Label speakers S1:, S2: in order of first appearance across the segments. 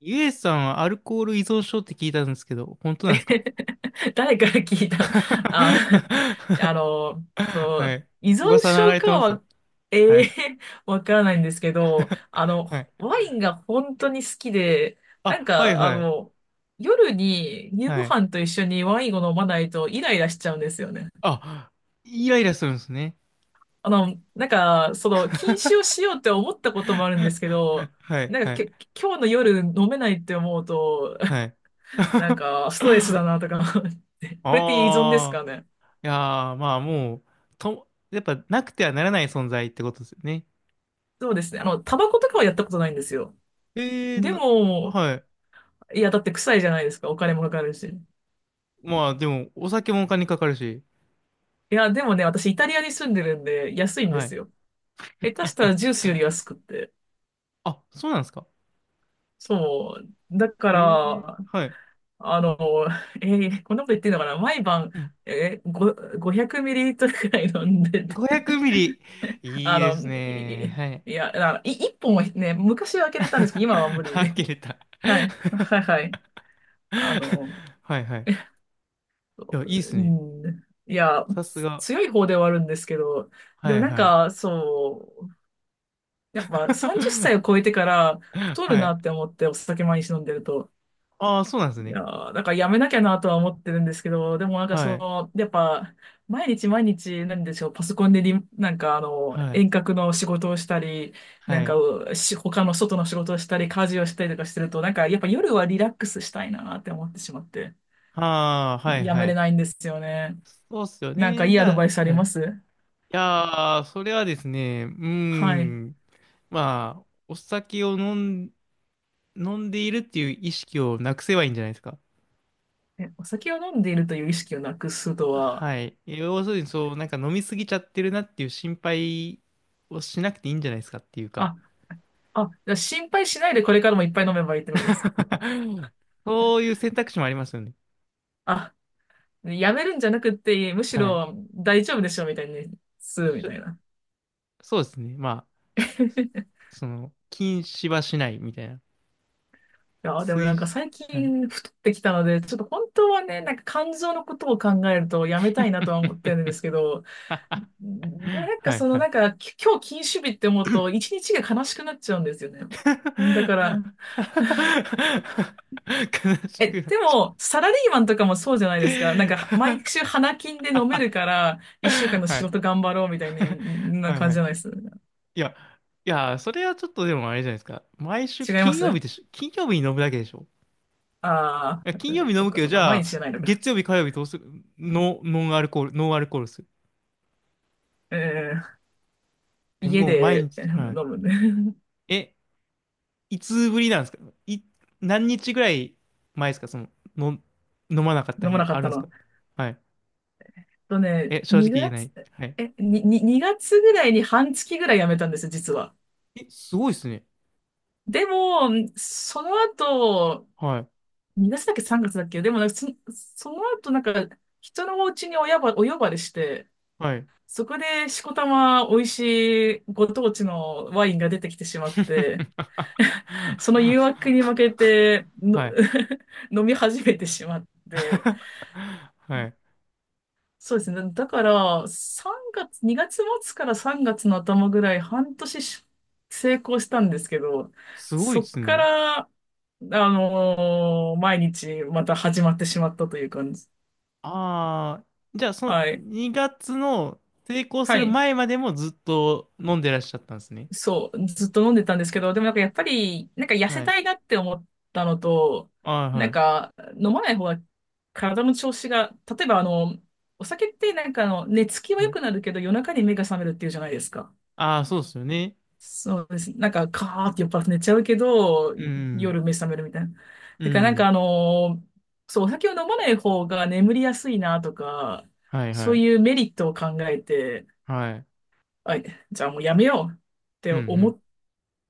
S1: ゆえさんはアルコール依存症って聞いたんですけど、本当なんですか？
S2: 誰から聞いた の？ あ、そ
S1: は
S2: う、
S1: い。
S2: 依存
S1: 噂流
S2: 症
S1: れ
S2: か
S1: てますよ。
S2: は、
S1: は
S2: ええ、
S1: い。
S2: わからないんですけど、
S1: はい。
S2: ワインが本当に好きで、なん
S1: あ、はい
S2: か、
S1: はい。
S2: 夜に夕ご
S1: はい。
S2: 飯と一緒にワインを飲まないとイライラしちゃうんですよね。
S1: あ、イライラするんですね。
S2: なんか、禁酒をしようって思ったこともあるんですけど、
S1: はい
S2: なんか、
S1: はい
S2: 今日の夜飲めないって思うと、
S1: はい。
S2: なん か、ストレスだなとか思って、これって依存です
S1: ああ、
S2: かね？
S1: いやー、まあもう、やっぱなくてはならない存在ってことですよね。
S2: そうですね。タバコとかはやったことないんですよ。
S1: ええー、
S2: でも、
S1: はい。
S2: いや、だって臭いじゃないですか。お金もかかるし。い
S1: まあでも、お酒もお金かかるし。
S2: や、でもね、私イタリアに住んでるんで、安いんで
S1: は
S2: す
S1: い。
S2: よ。下手したらジュ ースより安くって。
S1: あ、そうなんですか？
S2: そう。だから、
S1: はい。
S2: あの、えこんなこと言ってんのかな毎晩、
S1: うん。
S2: えー、ご500ミリリットルくらい飲んでて、
S1: 500ミリ。い
S2: あ
S1: いで
S2: の、
S1: すね。
S2: い、
S1: はい。
S2: いや、あの、い、1本はね、昔は開 けれたんですけど、今は無理
S1: あ、切
S2: で。
S1: れた。
S2: はい。はいはい。あの、
S1: はいはい。いや、いいっす
S2: う
S1: ね。
S2: ん。いや、
S1: さすが。
S2: 強い方ではあるんですけど、で
S1: は
S2: も
S1: い
S2: なん
S1: はい。
S2: か、そう、やっぱ30歳 を超えてから太
S1: は
S2: るな
S1: い。
S2: って思ってお酒毎日飲んでると。
S1: ああ、そうなんです
S2: い
S1: ね。
S2: やー、だからやめなきゃなとは思ってるんですけど、でもなんか
S1: はい。
S2: やっぱ、毎日毎日、なんでしょう、パソコンでなんか
S1: はい。
S2: 遠隔の仕事をしたり、な
S1: は
S2: んか、
S1: い。
S2: 他の外の仕事をしたり、家事をしたりとかしてると、なんか、やっぱ夜はリラックスしたいなって思ってしまって、
S1: ああ、はい
S2: や
S1: は
S2: めれ
S1: い。
S2: ないんですよね。
S1: そうっすよ
S2: なんかい
S1: ね。
S2: いアドバイスあり
S1: はい。い
S2: ます？
S1: やー、それはですね、うー
S2: はい。
S1: ん。まあ、お酒をん、飲んでいるっていう意識をなくせばいいんじゃないですか。
S2: え、お酒を飲んでいるという意識をなくすとは、
S1: はい。要するに、そう、なんか飲みすぎちゃってるなっていう心配をしなくていいんじゃないですかっていうか。
S2: あ、あ、じゃあ心配しないでこれからもいっぱい飲めばいいってことですか？
S1: そういう選択肢もありますよね。
S2: あ、やめるんじゃなくって、むし
S1: はい。
S2: ろ大丈夫でしょみたいにするみたい
S1: し
S2: な。
S1: そうですね。まあ、禁止はしないみたいな。
S2: いや、でもなん
S1: 推、
S2: か最
S1: はい。
S2: 近太ってきたので、ちょっと本当はね、なんか肝臓のことを考えるとやめたいなとは思ってるんですけど、でもなんか
S1: はい、はい。
S2: なんか今日禁酒日って思うと一日が悲しくなっちゃうんですよね。
S1: 悲
S2: だから、
S1: し
S2: え、
S1: くなっ
S2: で
S1: ちゃ
S2: も、サラリーマンとかもそうじゃないですか。なんか、毎週花金で
S1: う。
S2: 飲める から、一週間の
S1: は
S2: 仕
S1: い。
S2: 事頑張ろうみたいな、
S1: はい、
S2: 感
S1: は
S2: じじ
S1: い。
S2: ゃないです？
S1: いや、いや、それはちょっとでもあれじゃないですか。毎週
S2: 違いま
S1: 金曜日
S2: す。
S1: でしょ？金曜日に飲むだけでしょ？
S2: あ
S1: いや、
S2: あ
S1: 金曜
S2: ー、
S1: 日飲
S2: そっ
S1: む
S2: か
S1: けど、
S2: そっ
S1: じ
S2: か、
S1: ゃ
S2: 毎日じゃ
S1: あ、
S2: ないのか。
S1: 月曜日、火曜日どうする？ノンアルコールする。
S2: えー、
S1: え、
S2: 家
S1: もう毎
S2: で
S1: 日、はい。
S2: 飲むね。
S1: え、いつぶりなんですか？い、何日ぐらい前ですか？の、飲まなかっ た
S2: 飲まな
S1: 日
S2: か
S1: あ
S2: っ
S1: るん
S2: た
S1: です
S2: の。
S1: か？はい。え、正直言え
S2: 2
S1: な
S2: 月、
S1: い。はい。
S2: に2月ぐらいに半月ぐらい辞めたんですよ、実は。
S1: え、すごいですね。
S2: でも、その後、
S1: はい。
S2: 2月だっけ3月だっけ？でもなんかその後なんか、人のお家にお呼ばれして、
S1: はい。
S2: そこでしこたま美味しいご当地のワインが出てきてしまって、その誘惑に負けての
S1: はい。
S2: 飲み始めてしまっ て、
S1: はい。
S2: そうですね。だから3月、2月末から3月の頭ぐらい半年し成功したんですけど、
S1: すごい
S2: そ
S1: で
S2: っ
S1: す
S2: か
S1: ね。
S2: ら、毎日また始まってしまったという感じ。
S1: ああ、じゃあその
S2: はい。
S1: 2月の成功す
S2: は
S1: る
S2: い。
S1: 前までもずっと飲んでらっしゃったんですね。
S2: そう、ずっと飲んでたんですけど、でもなんかやっぱり、なんか痩せ
S1: はい。
S2: たいなって思ったのと、
S1: ああ、
S2: な
S1: は
S2: ん
S1: い。
S2: か飲まない方が体の調子が、例えばお酒ってなんか寝つきは
S1: は
S2: 良
S1: い。
S2: くなるけど夜中に目が覚めるっていうじゃないですか。
S1: ああ、そうですよね。
S2: そうです。なんかカーって酔っ払って寝ちゃうけど、
S1: うん。
S2: 夜目覚めるみたいな。
S1: う
S2: なん
S1: ん。
S2: かそう、お酒を飲まない方が眠りやすいなとか、
S1: はいは
S2: そう
S1: い。
S2: いうメリットを考えて、
S1: はい。
S2: あ、じゃあもうやめよう。って
S1: うん
S2: 思
S1: う
S2: っ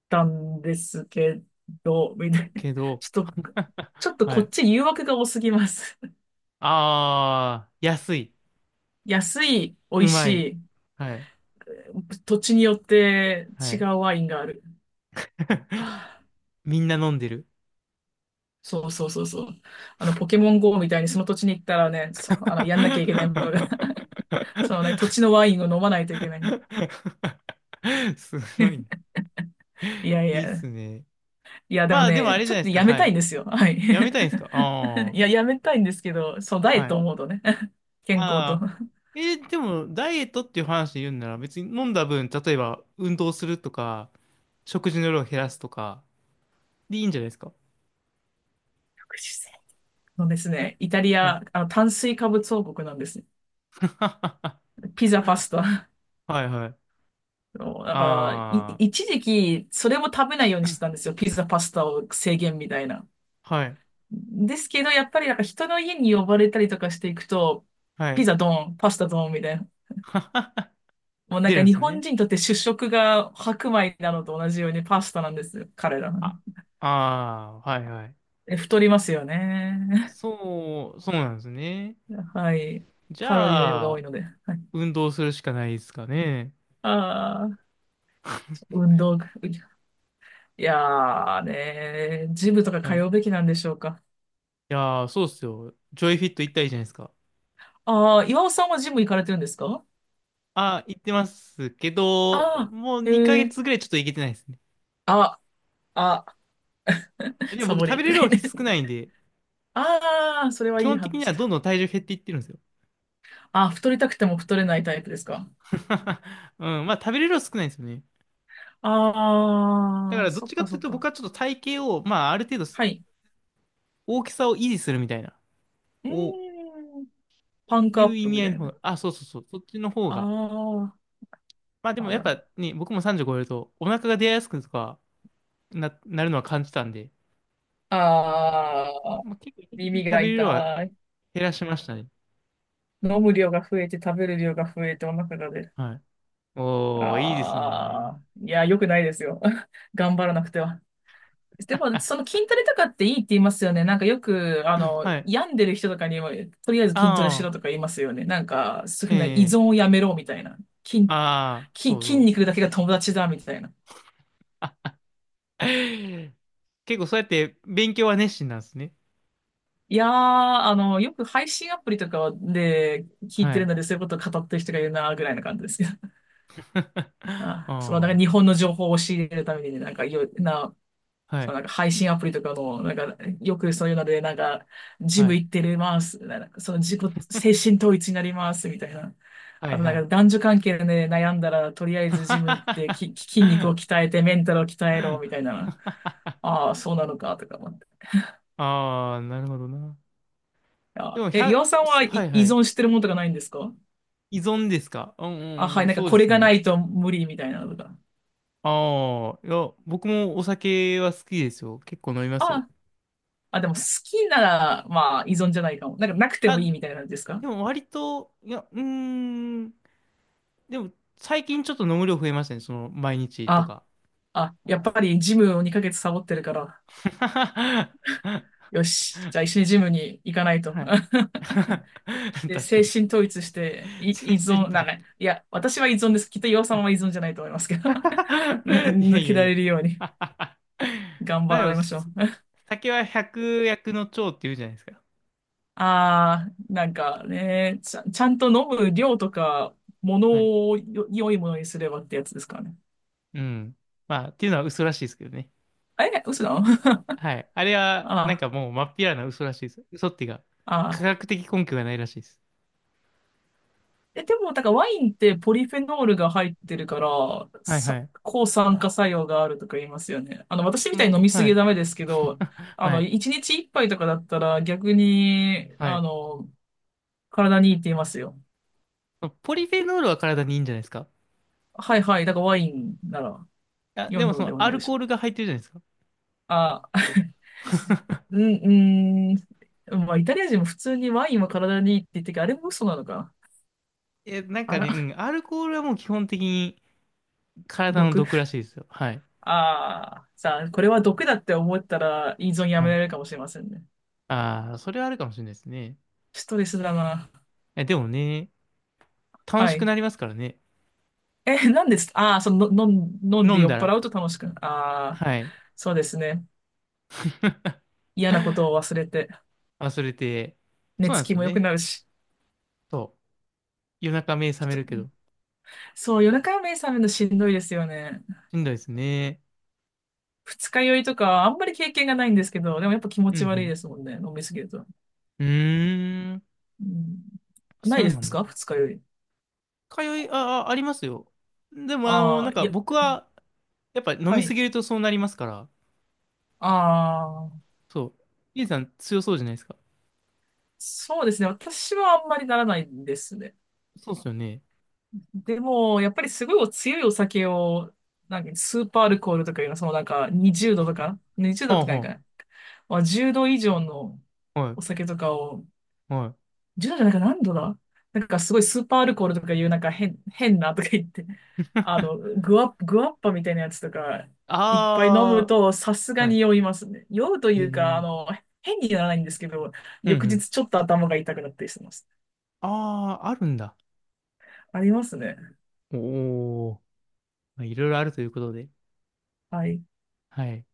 S2: たんですけど、みた
S1: ん。
S2: いな。
S1: けど、
S2: ちょっと、ちょっと
S1: は
S2: こっ
S1: い。
S2: ち誘惑が多すぎます。
S1: ああ、安い。
S2: 安い、美味
S1: う
S2: し
S1: まい。
S2: い、
S1: はい。
S2: 土地によって
S1: は
S2: 違
S1: い。
S2: うワインがある。は あ、
S1: みんな飲んでる。
S2: そうそうそうそう。ポケモン GO みたいにその土地に行ったらね、そあの、やんなきゃいけない ことが そのね、土地のワインを飲まないといけない。
S1: すごいね。
S2: いやい
S1: いいっ
S2: や、
S1: すね。
S2: いや、で
S1: ま
S2: も
S1: あ、でもあ
S2: ね、
S1: れじ
S2: ち
S1: ゃ
S2: ょ
S1: な
S2: っ
S1: いで
S2: と
S1: すか。
S2: やめ
S1: は
S2: たいん
S1: い。
S2: ですよ。はい。
S1: やめたいんですか？ あ
S2: いや、やめたいんですけど、そう、ダ
S1: あー。
S2: イエッ
S1: は
S2: トを
S1: い。
S2: 思うとね、健康と。
S1: ああ。でも、ダイエットっていう話で言うんなら、別に飲んだ分、例えば、運動するとか、食事の量を減らすとか、でいいんじゃないですか？
S2: 福祉のです
S1: え
S2: ね。イタリ
S1: はい。
S2: ア、炭水化物王国なんですね。ピザ、パスタ。
S1: はいはい。
S2: そうだから、
S1: あ
S2: 一時期、それも食べないようにしてたんですよ。ピザ、パスタを制限みたいな。
S1: あ。はい。
S2: ですけど、やっぱりなんか人の家に呼ばれたりとかしていくと、
S1: は
S2: ピ
S1: い。
S2: ザドン、パスタドンみたいな。もうなん
S1: 出る
S2: か
S1: んで
S2: 日
S1: す
S2: 本
S1: ね。
S2: 人にとって主食が白米なのと同じようにパスタなんですよ。彼ら。
S1: あ、ああ、はいはい。
S2: 太りますよね。
S1: そう、そうなんですね。
S2: はい。
S1: じ
S2: カロリーの量が
S1: ゃ
S2: 多い
S1: あ、
S2: ので。はい、
S1: 運動するしかないですかね。
S2: ああ、運動。いやーねー、ジムとか
S1: は
S2: 通
S1: い。
S2: うべきなんでしょうか？
S1: いやー、そうっすよ。ジョイフィット行ったらいいじゃないですか。
S2: ああ、岩尾さんはジム行かれてるんですか？
S1: あー、行ってますけ
S2: あ
S1: ど、
S2: あ
S1: もう
S2: ー、
S1: 2
S2: へ
S1: ヶ
S2: え、
S1: 月ぐらいちょっと行けてないですね。
S2: あ、あ、
S1: でも
S2: サ
S1: 僕
S2: ボ
S1: 食べ
S2: りと
S1: れる
S2: か言
S1: 量
S2: って。
S1: 少な いんで、
S2: ああ、それは
S1: 基
S2: いい
S1: 本的に
S2: 話
S1: はどん
S2: だ。
S1: どん体重減っていってるんですよ。
S2: ああ、太りたくても太れないタイプですか？
S1: うん、まあ食べれる量少ないんですよね。だ
S2: あ
S1: か
S2: あー、
S1: らどっ
S2: そ
S1: ち
S2: っ
S1: かっ
S2: か
S1: てい
S2: そ
S1: う
S2: っ
S1: と僕
S2: か。
S1: はちょっと体型を、まあある程度
S2: はい。
S1: 大きさを維持するみたいな、
S2: うー
S1: を
S2: ん、パンク
S1: い
S2: アッ
S1: う意
S2: プ
S1: 味
S2: み
S1: 合
S2: た
S1: いの
S2: い
S1: 方
S2: な。
S1: が、あ、そうそうそう、そっちの方が。
S2: あ
S1: まあで
S2: あ、
S1: も
S2: あ、
S1: やっ
S2: で
S1: ぱ
S2: も。
S1: ね、僕も30超えるとお腹が出やすくとかなるのは感じたんで、
S2: ああ、
S1: まあ、結構意図的に
S2: 耳
S1: 食
S2: が
S1: べれる量は
S2: 痛い。
S1: 減らしましたね。
S2: 飲む量が増えて食べる量が増えてお腹が出る。
S1: はい。おー、いいですね。
S2: ああ、いや、良くないですよ。頑張らなくては。でも、
S1: あ、
S2: その筋トレとかっていいって言いますよね。なんかよく、
S1: はい。
S2: 病んでる人とかにも、とりあえず筋トレし
S1: ああ、
S2: ろとか言いますよね。なんか、そういうふうな依
S1: ええ、
S2: 存をやめろみたいな。筋、
S1: ああ、そう
S2: 筋
S1: そう。
S2: 肉だけが友達だみたいな。
S1: 結構そうやって勉強は熱心なんですね。
S2: いやー、よく配信アプリとかで聞い
S1: は
S2: てる
S1: い。
S2: ので、そういうことを語ってる人がいるな、ぐらいな感じですけど。
S1: あ
S2: あ、その、なんか
S1: あ、
S2: 日本の情報を教えるためにね、なんか、いろんな
S1: はい、
S2: 配信アプリとかの、なんか、よくそういうので、なんか、ジ
S1: は
S2: ム
S1: い、
S2: 行ってるます。なんか自己、精神統一になります、みたいな。
S1: は
S2: あ
S1: い、
S2: となん
S1: は
S2: か
S1: い。
S2: 男女関係で、ね、悩んだら、とりあえずジム行ってき、筋肉を 鍛えて、メンタルを鍛えろ、みたいな。ああ、そうなのか、とか思って。
S1: ああ、なるほどな。で
S2: あ、
S1: も、ひ
S2: え、岩
S1: ゃ…
S2: 尾さん
S1: す
S2: は
S1: は
S2: い
S1: い、
S2: 依
S1: はい。
S2: 存してるものとかないんですか？
S1: 依存ですか？う
S2: あ、
S1: ん、
S2: は
S1: う
S2: い、
S1: ん、
S2: なんか
S1: そうで
S2: これ
S1: す
S2: がな
S1: ね。
S2: いと無理みたいなのとか。
S1: ああ、いや、僕もお酒は好きですよ。結構飲みますよ。
S2: あ、あ、でも好きなら、まあ依存じゃないかも。なんかなくて
S1: あ、
S2: もい
S1: で
S2: いみたいな感じですか？
S1: も割と、いや、うーん、でも、最近ちょっと飲む量増えましたね。毎日と
S2: あ
S1: か。
S2: あ、やっぱりジムを2ヶ月サボってるから、
S1: は
S2: よし、じゃあ一緒にジムに行かないと。
S1: い。
S2: で、
S1: 確か
S2: 精
S1: に。
S2: 神統一して、依
S1: 全身
S2: 存、
S1: と
S2: なん
S1: 言っ
S2: か、いや、私は依存です。きっと岩さんは依存じゃないと思いますけ
S1: て。
S2: ど。
S1: いや
S2: 抜
S1: い
S2: け
S1: や
S2: られ
S1: い
S2: るように
S1: や。
S2: 頑
S1: まあで
S2: 張
S1: も、
S2: りましょう。
S1: 酒は百薬の長って言うじゃないですか。
S2: ああ、なんかね、ちゃんと飲む量とか、も
S1: はい。
S2: のを良いものにすればってやつですからね。
S1: うん。まあ、っていうのは嘘らしいですけどね。
S2: え、嘘だ。
S1: はい。あれは、なん
S2: あ
S1: かもう、まっぴらな嘘らしいです。嘘っていうか、
S2: あ、あ
S1: 科
S2: あ。
S1: 学的根拠がないらしいです。
S2: え、でも、だからワインってポリフェノールが入ってるから、
S1: はいは
S2: さ、
S1: い。
S2: 抗酸化作用があるとか言いますよね。私みたいに飲みす
S1: は
S2: ぎは
S1: い。
S2: ダメですけど、
S1: はい。
S2: 一日一杯とかだったら逆に、
S1: はい。
S2: 体にいいって言いますよ。
S1: ポリフェノールは体にいいんじゃないですか？
S2: はいはい。だからワインなら
S1: あ、で
S2: 良い
S1: もそ
S2: ので
S1: の
S2: は
S1: ア
S2: ない
S1: ル
S2: でしょ
S1: コ
S2: う
S1: ー
S2: か。
S1: ルが入ってるじゃないですか。
S2: あ、うん、うん。まあ、イタリア人も普通にワインは体にいいって言ってるけど、あれも嘘なのかな。
S1: え、なん
S2: あ
S1: かね、う
S2: ら、
S1: ん、アルコールはもう基本的に体の
S2: 毒。
S1: 毒らしいですよ。はい。
S2: ああ、さあ、これは毒だって思ったら依存や
S1: は
S2: めら
S1: い。
S2: れるかもしれませんね。
S1: ああ、それはあるかもしれないですね。
S2: ストレスだな。
S1: え、でもね、楽
S2: は
S1: しく
S2: い。
S1: なりますからね。
S2: え、何です？ああー、その、飲ん
S1: 飲
S2: で
S1: ん
S2: 酔っ
S1: だら。
S2: 払うと楽しくな、ああ、
S1: はい。
S2: そうですね。嫌なことを忘れて、
S1: 忘れて。
S2: 寝
S1: そう
S2: つ
S1: なんです
S2: き
S1: よ
S2: も良く
S1: ね。
S2: なるし。
S1: そう。夜中目覚め
S2: ち
S1: るけど。
S2: そう、夜中目覚めるのしんどいですよね。
S1: しんどいですね。
S2: 二日酔いとか、あんまり経験がないんですけど、でもやっぱ気持
S1: う
S2: ち悪い
S1: ん
S2: ですもんね、飲みすぎると。
S1: うん。うーん。
S2: うん、な
S1: そ
S2: い
S1: う
S2: で
S1: なん
S2: す
S1: だ。
S2: か二日酔い？
S1: あ、あ、ありますよ。でも、
S2: あ
S1: な
S2: あ、
S1: ん
S2: い
S1: か
S2: や、
S1: 僕は、やっぱ飲
S2: は
S1: みす
S2: い。
S1: ぎるとそうなりますから。
S2: ああ、
S1: そう。イエさん強そうじゃないですか。
S2: そうですね。私はあんまりならないんですね。
S1: そうっすよね。
S2: でも、やっぱりすごいお強いお酒を、なんかスーパーアルコールとかいうのは、そのなんか20度とか、20
S1: は
S2: 度
S1: あ
S2: とかないか
S1: は
S2: な。まあ、10度以上の
S1: あ。は
S2: お
S1: い。
S2: 酒とかを、
S1: はい。
S2: 10度じゃないか何度だ？なんかすごいスーパーアルコールとかいうなんか変なとか言って、グワッパみたいなやつとか、いっぱい飲む
S1: あ
S2: とさす
S1: あ、
S2: が
S1: はい。
S2: に酔いますね。酔うと
S1: え
S2: い
S1: え、
S2: う
S1: う
S2: か、
S1: ん
S2: 変にならないんですけど、
S1: う
S2: 翌
S1: ん。
S2: 日ちょっと頭が痛くなったりしてます。
S1: ああ、あるんだ。
S2: ありますね。
S1: おお、まあ、いろいろあるということで。
S2: はい。
S1: はい。